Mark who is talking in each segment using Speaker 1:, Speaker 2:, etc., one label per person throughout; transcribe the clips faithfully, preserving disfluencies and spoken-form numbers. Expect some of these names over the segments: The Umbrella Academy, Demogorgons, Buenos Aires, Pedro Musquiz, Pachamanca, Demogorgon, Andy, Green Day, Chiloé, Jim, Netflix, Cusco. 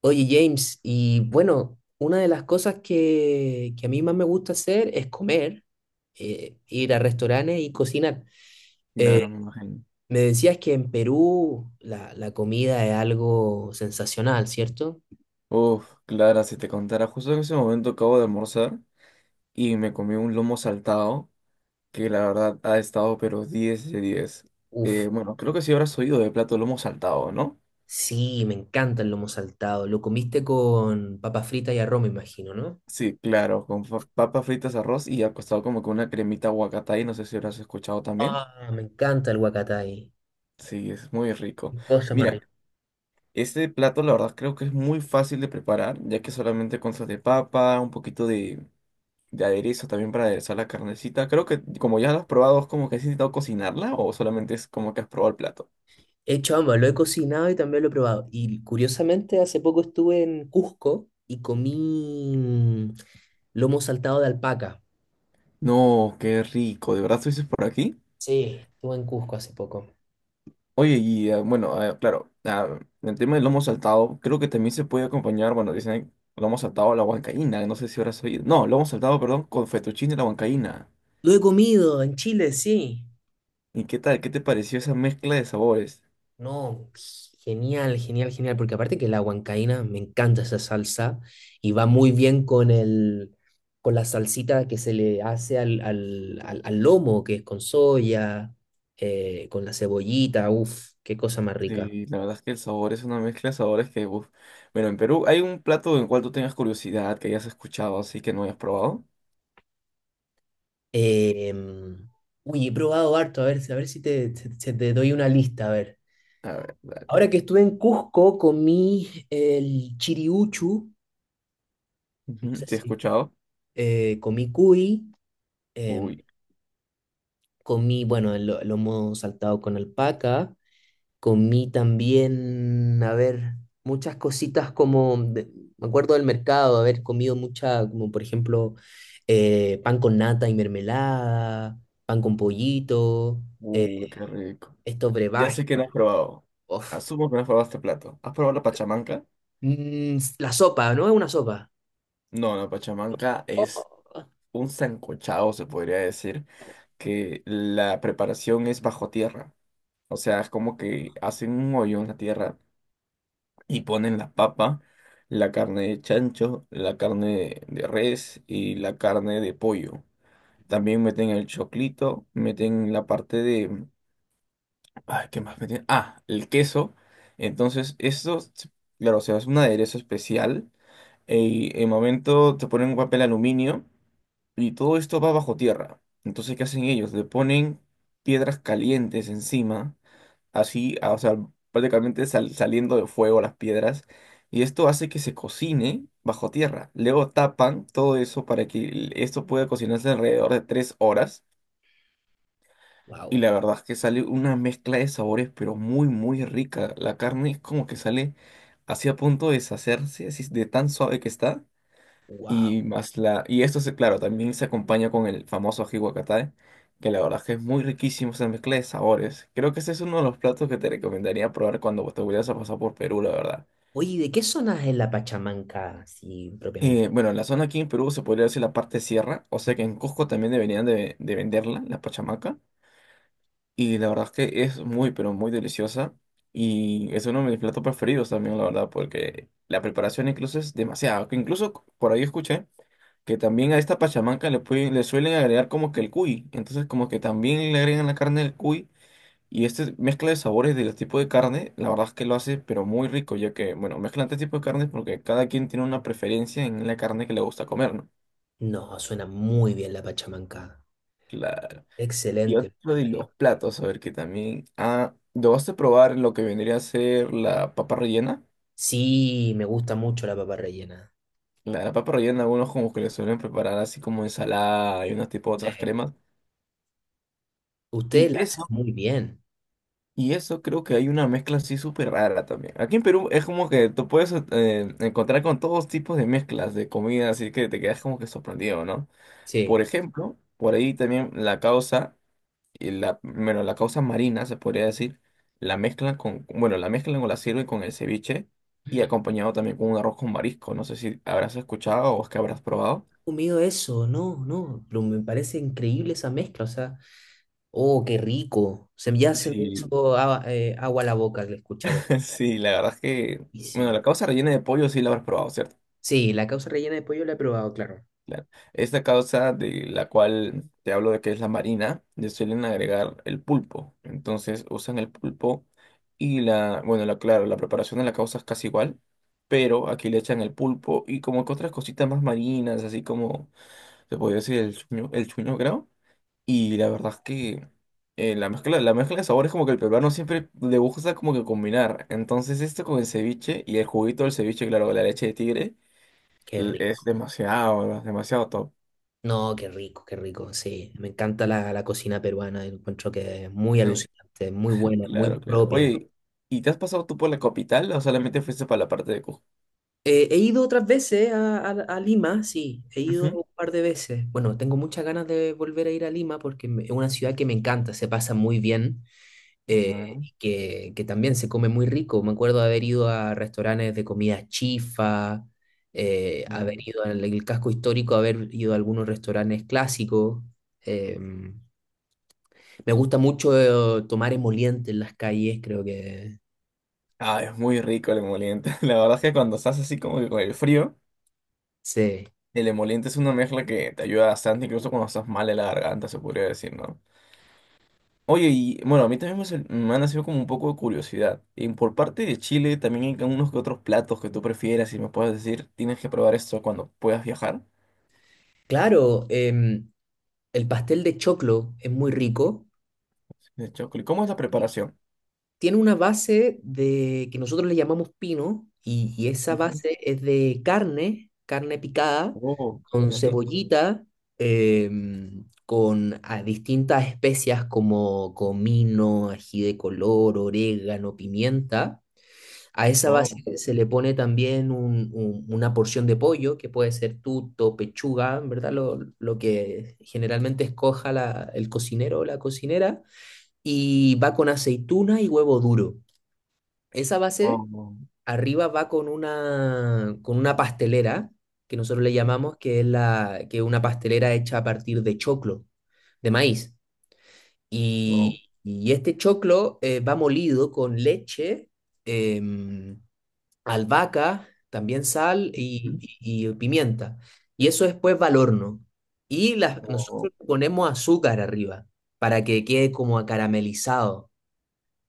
Speaker 1: Oye, James, y bueno, una de las cosas que, que a mí más me gusta hacer es comer, eh, ir a restaurantes y cocinar. Eh,
Speaker 2: Claro, me imagino.
Speaker 1: me decías que en Perú la, la comida es algo sensacional, ¿cierto?
Speaker 2: Uf, Clara, si te contara, justo en ese momento acabo de almorzar y me comí un lomo saltado que la verdad ha estado pero diez de diez.
Speaker 1: Uf,
Speaker 2: Eh, bueno, creo que sí habrás oído de plato lomo saltado, ¿no?
Speaker 1: sí, me encanta el lomo saltado. Lo comiste con papas fritas y arroz, me imagino, ¿no?
Speaker 2: Sí, claro, con fa- papas fritas, arroz y acostado como con una cremita y no sé si habrás escuchado también.
Speaker 1: Ah, me encanta el huacatay.
Speaker 2: Sí, es muy rico.
Speaker 1: Cosa más
Speaker 2: Mira,
Speaker 1: rica.
Speaker 2: este plato la verdad creo que es muy fácil de preparar, ya que solamente consiste de papa, un poquito de de aderezo también para aderezar la carnecita. Creo que como ya lo has probado, ¿es como que has intentado cocinarla o solamente es como que has probado el plato?
Speaker 1: He hecho ambas, lo he cocinado y también lo he probado. Y curiosamente, hace poco estuve en Cusco y comí mm, lomo saltado de alpaca.
Speaker 2: No, qué rico, ¿de verdad estuviste por aquí?
Speaker 1: Sí, estuve en Cusco hace poco.
Speaker 2: Oye, y eh, bueno, eh, claro, ah, el tema del lomo saltado, creo que también se puede acompañar, bueno, dicen lomo saltado a la huancaína, no sé si habrás oído. No, lomo saltado, perdón, con fettuccine a la huancaína.
Speaker 1: Lo he comido en Chile, sí.
Speaker 2: ¿Y qué tal? ¿Qué te pareció esa mezcla de sabores?
Speaker 1: No, genial, genial, genial, porque aparte que la huancaína, me encanta esa salsa y va muy bien con el, con la salsita que se le hace al, al, al- al lomo, que es con soya, eh, con la cebollita, uff, qué cosa más rica.
Speaker 2: Sí, la verdad es que el sabor es una mezcla de sabores que, uf. Bueno, en Perú, ¿hay un plato en cual tú tengas curiosidad, que hayas escuchado, así que no hayas probado?
Speaker 1: Em, uy, he probado harto, a ver, a ver si te, se- se te doy una lista, a ver.
Speaker 2: A ver, dale.
Speaker 1: Ahora que estuve en Cusco, comí el chiriuchu, no
Speaker 2: Ujú,
Speaker 1: sé
Speaker 2: ¿Sí he
Speaker 1: si,
Speaker 2: escuchado?
Speaker 1: eh, comí cuy, em,
Speaker 2: Uy,
Speaker 1: comí, bueno, el, lo- lomo saltado con alpaca, comí también, a ver, muchas cositas como, de- me acuerdo del mercado, haber comido mucha, como por ejemplo, eh, pan con nata y mermelada, pan con pollito, eh,
Speaker 2: uy, qué rico.
Speaker 1: estos
Speaker 2: Ya
Speaker 1: brebajes.
Speaker 2: sé que no has probado.
Speaker 1: Uf.
Speaker 2: Asumo que no has probado este plato. ¿Has probado la pachamanca?
Speaker 1: Mm, la sopa, ¿no? Es una sopa.
Speaker 2: No, la pachamanca es
Speaker 1: Oh,
Speaker 2: un sancochado, se podría decir, que la preparación es bajo tierra. O sea, es como que hacen un hoyo en la tierra y ponen la papa, la carne de chancho, la carne de res y la carne de pollo. También meten el choclito, meten la parte de. Ay, ¿qué más metí? Ah, el queso. Entonces, esto, se- claro, se hace un aderezo especial. Y en momento te ponen un papel aluminio y todo esto va bajo tierra. Entonces, ¿qué hacen ellos? Le ponen piedras calientes encima, así, ah, o sea, prácticamente sal- saliendo de fuego las piedras. Y esto hace que se cocine bajo tierra. Luego tapan todo eso para que el- esto pueda cocinarse alrededor de tres horas. Y
Speaker 1: wow,
Speaker 2: la verdad es que sale una mezcla de sabores, pero muy, muy rica. La carne es como que sale así a punto de deshacerse, así de tan suave que está.
Speaker 1: wow.
Speaker 2: Y más la, y esto se, claro, también se acompaña con el famoso ají guacatay, que la verdad es que es muy riquísimo esa mezcla de sabores. Creo que ese es uno de los platos que te recomendaría probar cuando te vayas a pasar por Perú, la verdad.
Speaker 1: Oye, ¿de qué zona es la Pachamanca, así propiamente?
Speaker 2: Eh, bueno, en la zona aquí en Perú se podría decir la parte sierra, o sea que en Cusco también deberían de, de venderla, la pachamaca. Y la verdad es que es muy, pero muy deliciosa. Y es uno de mis platos preferidos también, la verdad, porque la preparación incluso es demasiado. Que incluso c- por ahí escuché que también a esta pachamanca le, pueden- le suelen agregar como que el cuy. Entonces como que también le agregan la carne del cuy. Y esta mezcla de sabores de los tipos de carne, la verdad es que lo hace, pero muy rico, ya que, bueno, mezclan este tipo de carnes porque cada quien tiene una preferencia en la carne que le gusta comer, ¿no?
Speaker 1: No, suena muy bien la Pachamanca.
Speaker 2: Claro. Y
Speaker 1: Excelente.
Speaker 2: otro de los platos, a ver que también. Ah, ¿lo vas a probar lo que vendría a ser la papa rellena?
Speaker 1: Sí, me gusta mucho la papa rellena.
Speaker 2: La, la papa rellena, algunos como que le suelen preparar así como ensalada y unas tipo otras
Speaker 1: Sí.
Speaker 2: cremas. Y
Speaker 1: Ustedes la
Speaker 2: eso,
Speaker 1: hacen muy bien.
Speaker 2: y eso creo que hay una mezcla así súper rara también. Aquí en Perú es como que tú puedes eh, encontrar con todos tipos de mezclas de comida, así que te quedas como que sorprendido, ¿no? Por
Speaker 1: Sí.
Speaker 2: ejemplo, por ahí también la causa. Y la, bueno, la causa marina, se podría decir, la mezclan con, bueno, la mezclan o la sirven con el ceviche y acompañado también con un arroz con marisco. No sé si habrás escuchado o es que habrás probado.
Speaker 1: Comido eso, no, no. Pero me parece increíble esa mezcla. O sea, oh, qué rico. Se, me- ya se me
Speaker 2: Sí,
Speaker 1: hizo agua, eh, agua a la boca al escuchar eso.
Speaker 2: sí, la verdad es que, bueno,
Speaker 1: Buenísimo.
Speaker 2: la causa rellena de pollo sí la habrás probado, ¿cierto?
Speaker 1: Sí, la causa rellena de pollo la he probado, claro.
Speaker 2: Claro. Esta causa de la cual te hablo de que es la marina, le suelen agregar el pulpo. Entonces usan el pulpo y la, bueno, la, claro, la preparación de la causa es casi igual, pero aquí le echan el pulpo y como que otras cositas más marinas, así como se podría decir el chuño, el chuño, creo. Y la verdad es que eh, la mezcla, la mezcla de sabores como que el peruano siempre le gusta como que combinar. Entonces esto con el ceviche y el juguito del ceviche, claro, con la leche de tigre,
Speaker 1: Qué
Speaker 2: l-
Speaker 1: rico.
Speaker 2: es demasiado, demasiado top.
Speaker 1: No, qué rico, qué rico. Sí, me encanta la, la cocina peruana. Encuentro que es muy
Speaker 2: Eh,
Speaker 1: alucinante, muy buena, muy
Speaker 2: Claro, claro.
Speaker 1: propia.
Speaker 2: Oye, ¿y te has pasado tú por la capital o solamente fuiste para la parte de Cusco?
Speaker 1: Eh, he ido otras veces a, a- a Lima, sí, he ido
Speaker 2: Ujú.
Speaker 1: un par de veces. Bueno, tengo muchas ganas de volver a ir a Lima porque me- es una ciudad que me encanta, se pasa muy bien, eh,
Speaker 2: Claro,
Speaker 1: y que, que también se come muy rico. Me acuerdo de haber ido a restaurantes de comida chifa, eh, haber
Speaker 2: no.
Speaker 1: ido al el casco histórico, haber ido a algunos restaurantes clásicos. Em, Me gusta mucho eh, tomar emoliente en las calles, creo que
Speaker 2: Ah, es muy rico el emoliente. La verdad es que cuando estás así como que con el frío,
Speaker 1: sí.
Speaker 2: el emoliente es una mezcla que te ayuda bastante, incluso cuando estás mal en la garganta, se podría decir, ¿no? Oye, y bueno, a mí también me, sal- me ha nacido como un poco de curiosidad. Y por parte de Chile, también hay unos que otros platos que tú prefieras y me puedes decir, tienes que probar esto cuando puedas viajar.
Speaker 1: Claro, em, el pastel de choclo es muy rico.
Speaker 2: De chocolate. ¿Cómo es la preparación?
Speaker 1: Tiene una base de que nosotros le llamamos pino y, y esa
Speaker 2: Ujú.
Speaker 1: base es de carne, carne picada,
Speaker 2: Oh,
Speaker 1: con
Speaker 2: qué rico.
Speaker 1: cebollita, em, con ah, distintas especias como comino, ají de color, orégano, pimienta. A esa base se le pone también un- un- una porción de pollo, que puede ser tuto, pechuga, en verdad, lo, lo que generalmente escoja la- el cocinero o la cocinera, y va con aceituna y huevo duro. Esa base
Speaker 2: Oh, oh,
Speaker 1: arriba va con una, con una pastelera, que nosotros le llamamos, que es la, que es una pastelera hecha a partir de choclo, de maíz.
Speaker 2: oh,
Speaker 1: Y, y este choclo eh, va molido con leche. Em, albahaca, también sal y,
Speaker 2: mm,
Speaker 1: y- y pimienta. Y eso después va al horno. Y las,
Speaker 2: oh,
Speaker 1: nosotros le ponemos azúcar arriba para que quede como acaramelizado.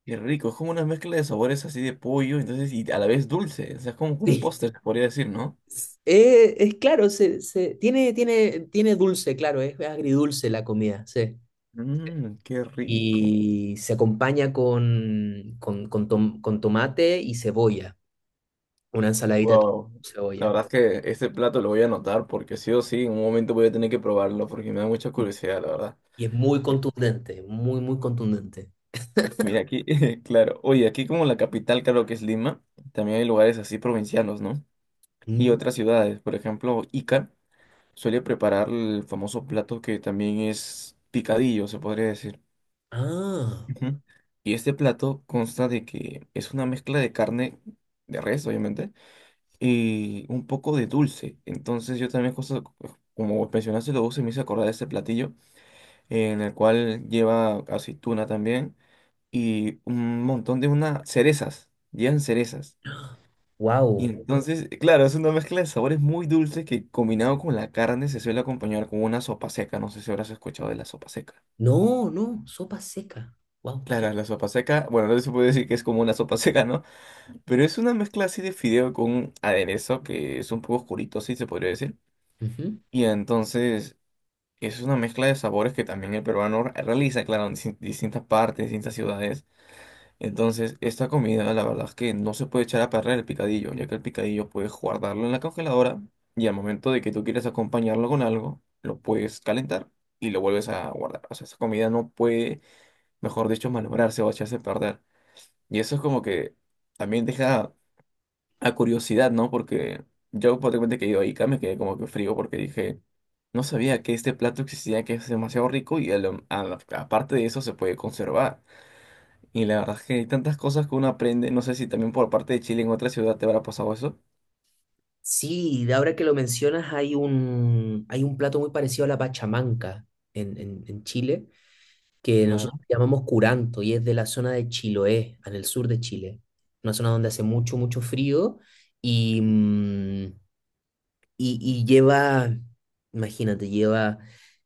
Speaker 2: qué rico, es como una mezcla de sabores así de pollo, entonces, y a la vez dulce, o sea, es como un
Speaker 1: Sí.
Speaker 2: póster, se podría decir, ¿no?
Speaker 1: Eh, es claro, se, se- tiene, tiene, tiene dulce, claro, es agridulce la comida, sí.
Speaker 2: Mmm, qué rico.
Speaker 1: Y se acompaña con, con, con tom- con tomate y cebolla, una ensaladita de tomate
Speaker 2: Wow,
Speaker 1: y
Speaker 2: la
Speaker 1: cebolla.
Speaker 2: verdad es que este plato lo voy a anotar porque sí o sí, en un momento voy a tener que probarlo porque me da mucha
Speaker 1: Y
Speaker 2: curiosidad, la verdad.
Speaker 1: y es muy
Speaker 2: Eh,
Speaker 1: contundente, muy, muy contundente.
Speaker 2: Mira, aquí, claro, oye, aquí como la capital, claro que es Lima, también hay lugares así provincianos, ¿no? Y
Speaker 1: Mm.
Speaker 2: otras ciudades, por ejemplo, Ica suele preparar el famoso plato que también es picadillo, se podría decir.
Speaker 1: Ah,
Speaker 2: Ujú. Y este plato consta de que es una mezcla de carne de res, obviamente, y un poco de dulce. Entonces yo también, cosa- como mencionaste lo dulce, me hice acordar de este platillo, en el cual lleva aceituna también y un montón de unas cerezas, llevan cerezas. Y
Speaker 1: wow.
Speaker 2: entonces, claro, es una mezcla de sabores muy dulces que combinado con la carne se suele acompañar con una sopa seca. No sé si habrás escuchado de la sopa seca.
Speaker 1: No, no, sopa seca. Wow, qué.
Speaker 2: Claro, la sopa seca, bueno, no se puede decir que es como una sopa seca, ¿no? Pero es una mezcla así de fideo con un aderezo que es un poco oscurito, sí se podría decir.
Speaker 1: Ujú.
Speaker 2: Y entonces es una mezcla de sabores que también el peruano re- realiza, claro, en distin- distintas partes, distintas ciudades. Entonces, esta comida, la verdad es que no se puede echar a perder el picadillo, ya que el picadillo puedes guardarlo en la congeladora y al momento de que tú quieras acompañarlo con algo, lo puedes calentar y lo vuelves a guardar. O sea, esa comida no puede, mejor dicho, malograrse o echarse a perder. Y eso es como que también deja a curiosidad, ¿no? Porque yo por repente que he ido a Ica me quedé como que frío porque dije, no sabía que este plato existía, que es demasiado rico y a lo- a la- aparte de eso se puede conservar. Y la verdad es que hay tantas cosas que uno aprende, no sé si también por parte de Chile en otra ciudad te habrá pasado eso.
Speaker 1: Sí, de ahora que lo mencionas, hay un, hay un plato muy parecido a la pachamanca en, en, en Chile, que nosotros
Speaker 2: Claro.
Speaker 1: llamamos curanto y es de la zona de Chiloé, en el sur de Chile. Una zona donde hace mucho, mucho frío y, mm, Y, y lleva, imagínate, lleva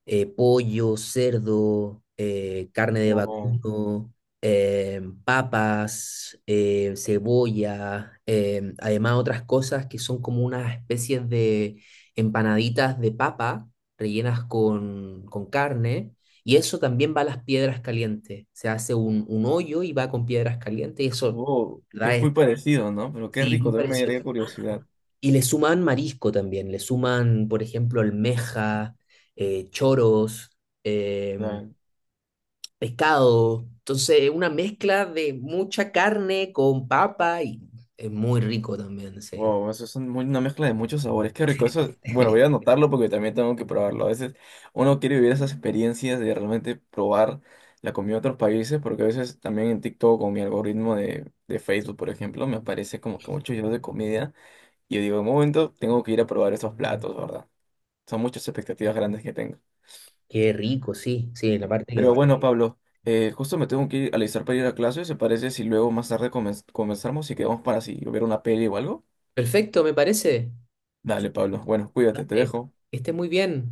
Speaker 1: eh, pollo, cerdo, eh, carne de
Speaker 2: O
Speaker 1: vacuno, eh, papas, eh, cebolla, eh, además otras cosas que son como unas especies de empanaditas de papa rellenas con, con carne. Y eso también va a las piedras calientes. Se hace un, un hoyo y va con piedras calientes y eso,
Speaker 2: o
Speaker 1: ¿verdad?
Speaker 2: es
Speaker 1: Es,
Speaker 2: muy parecido, ¿no? Pero qué
Speaker 1: sí,
Speaker 2: rico,
Speaker 1: muy
Speaker 2: también me
Speaker 1: parecido.
Speaker 2: daría curiosidad.
Speaker 1: Y le suman marisco también, le suman, por ejemplo, almeja, eh, choros, em, pescado. Entonces, una mezcla de mucha carne con papa y es muy rico también, sí.
Speaker 2: Wow, eso es un muy- una mezcla de muchos sabores. Qué rico. Eso, bueno, voy a anotarlo porque también tengo que probarlo. A veces uno quiere vivir esas experiencias de realmente probar la comida de otros países, porque a veces también en TikTok o mi algoritmo de, de Facebook, por ejemplo, me aparece como que muchos videos de comida. Y yo digo, en un momento, tengo que ir a probar esos platos, ¿verdad? Son muchas expectativas grandes que tengo.
Speaker 1: Qué rico, sí, sí, la parte que...
Speaker 2: Pero bueno, Pablo, eh, justo me tengo que ir a alistar para ir a clase. ¿Se parece si luego más tarde comen- comenzamos y quedamos para si ver una peli o algo?
Speaker 1: Perfecto, me parece.
Speaker 2: Dale, Pablo. Bueno, cuídate, te
Speaker 1: Eh,
Speaker 2: dejo.
Speaker 1: Que esté muy bien.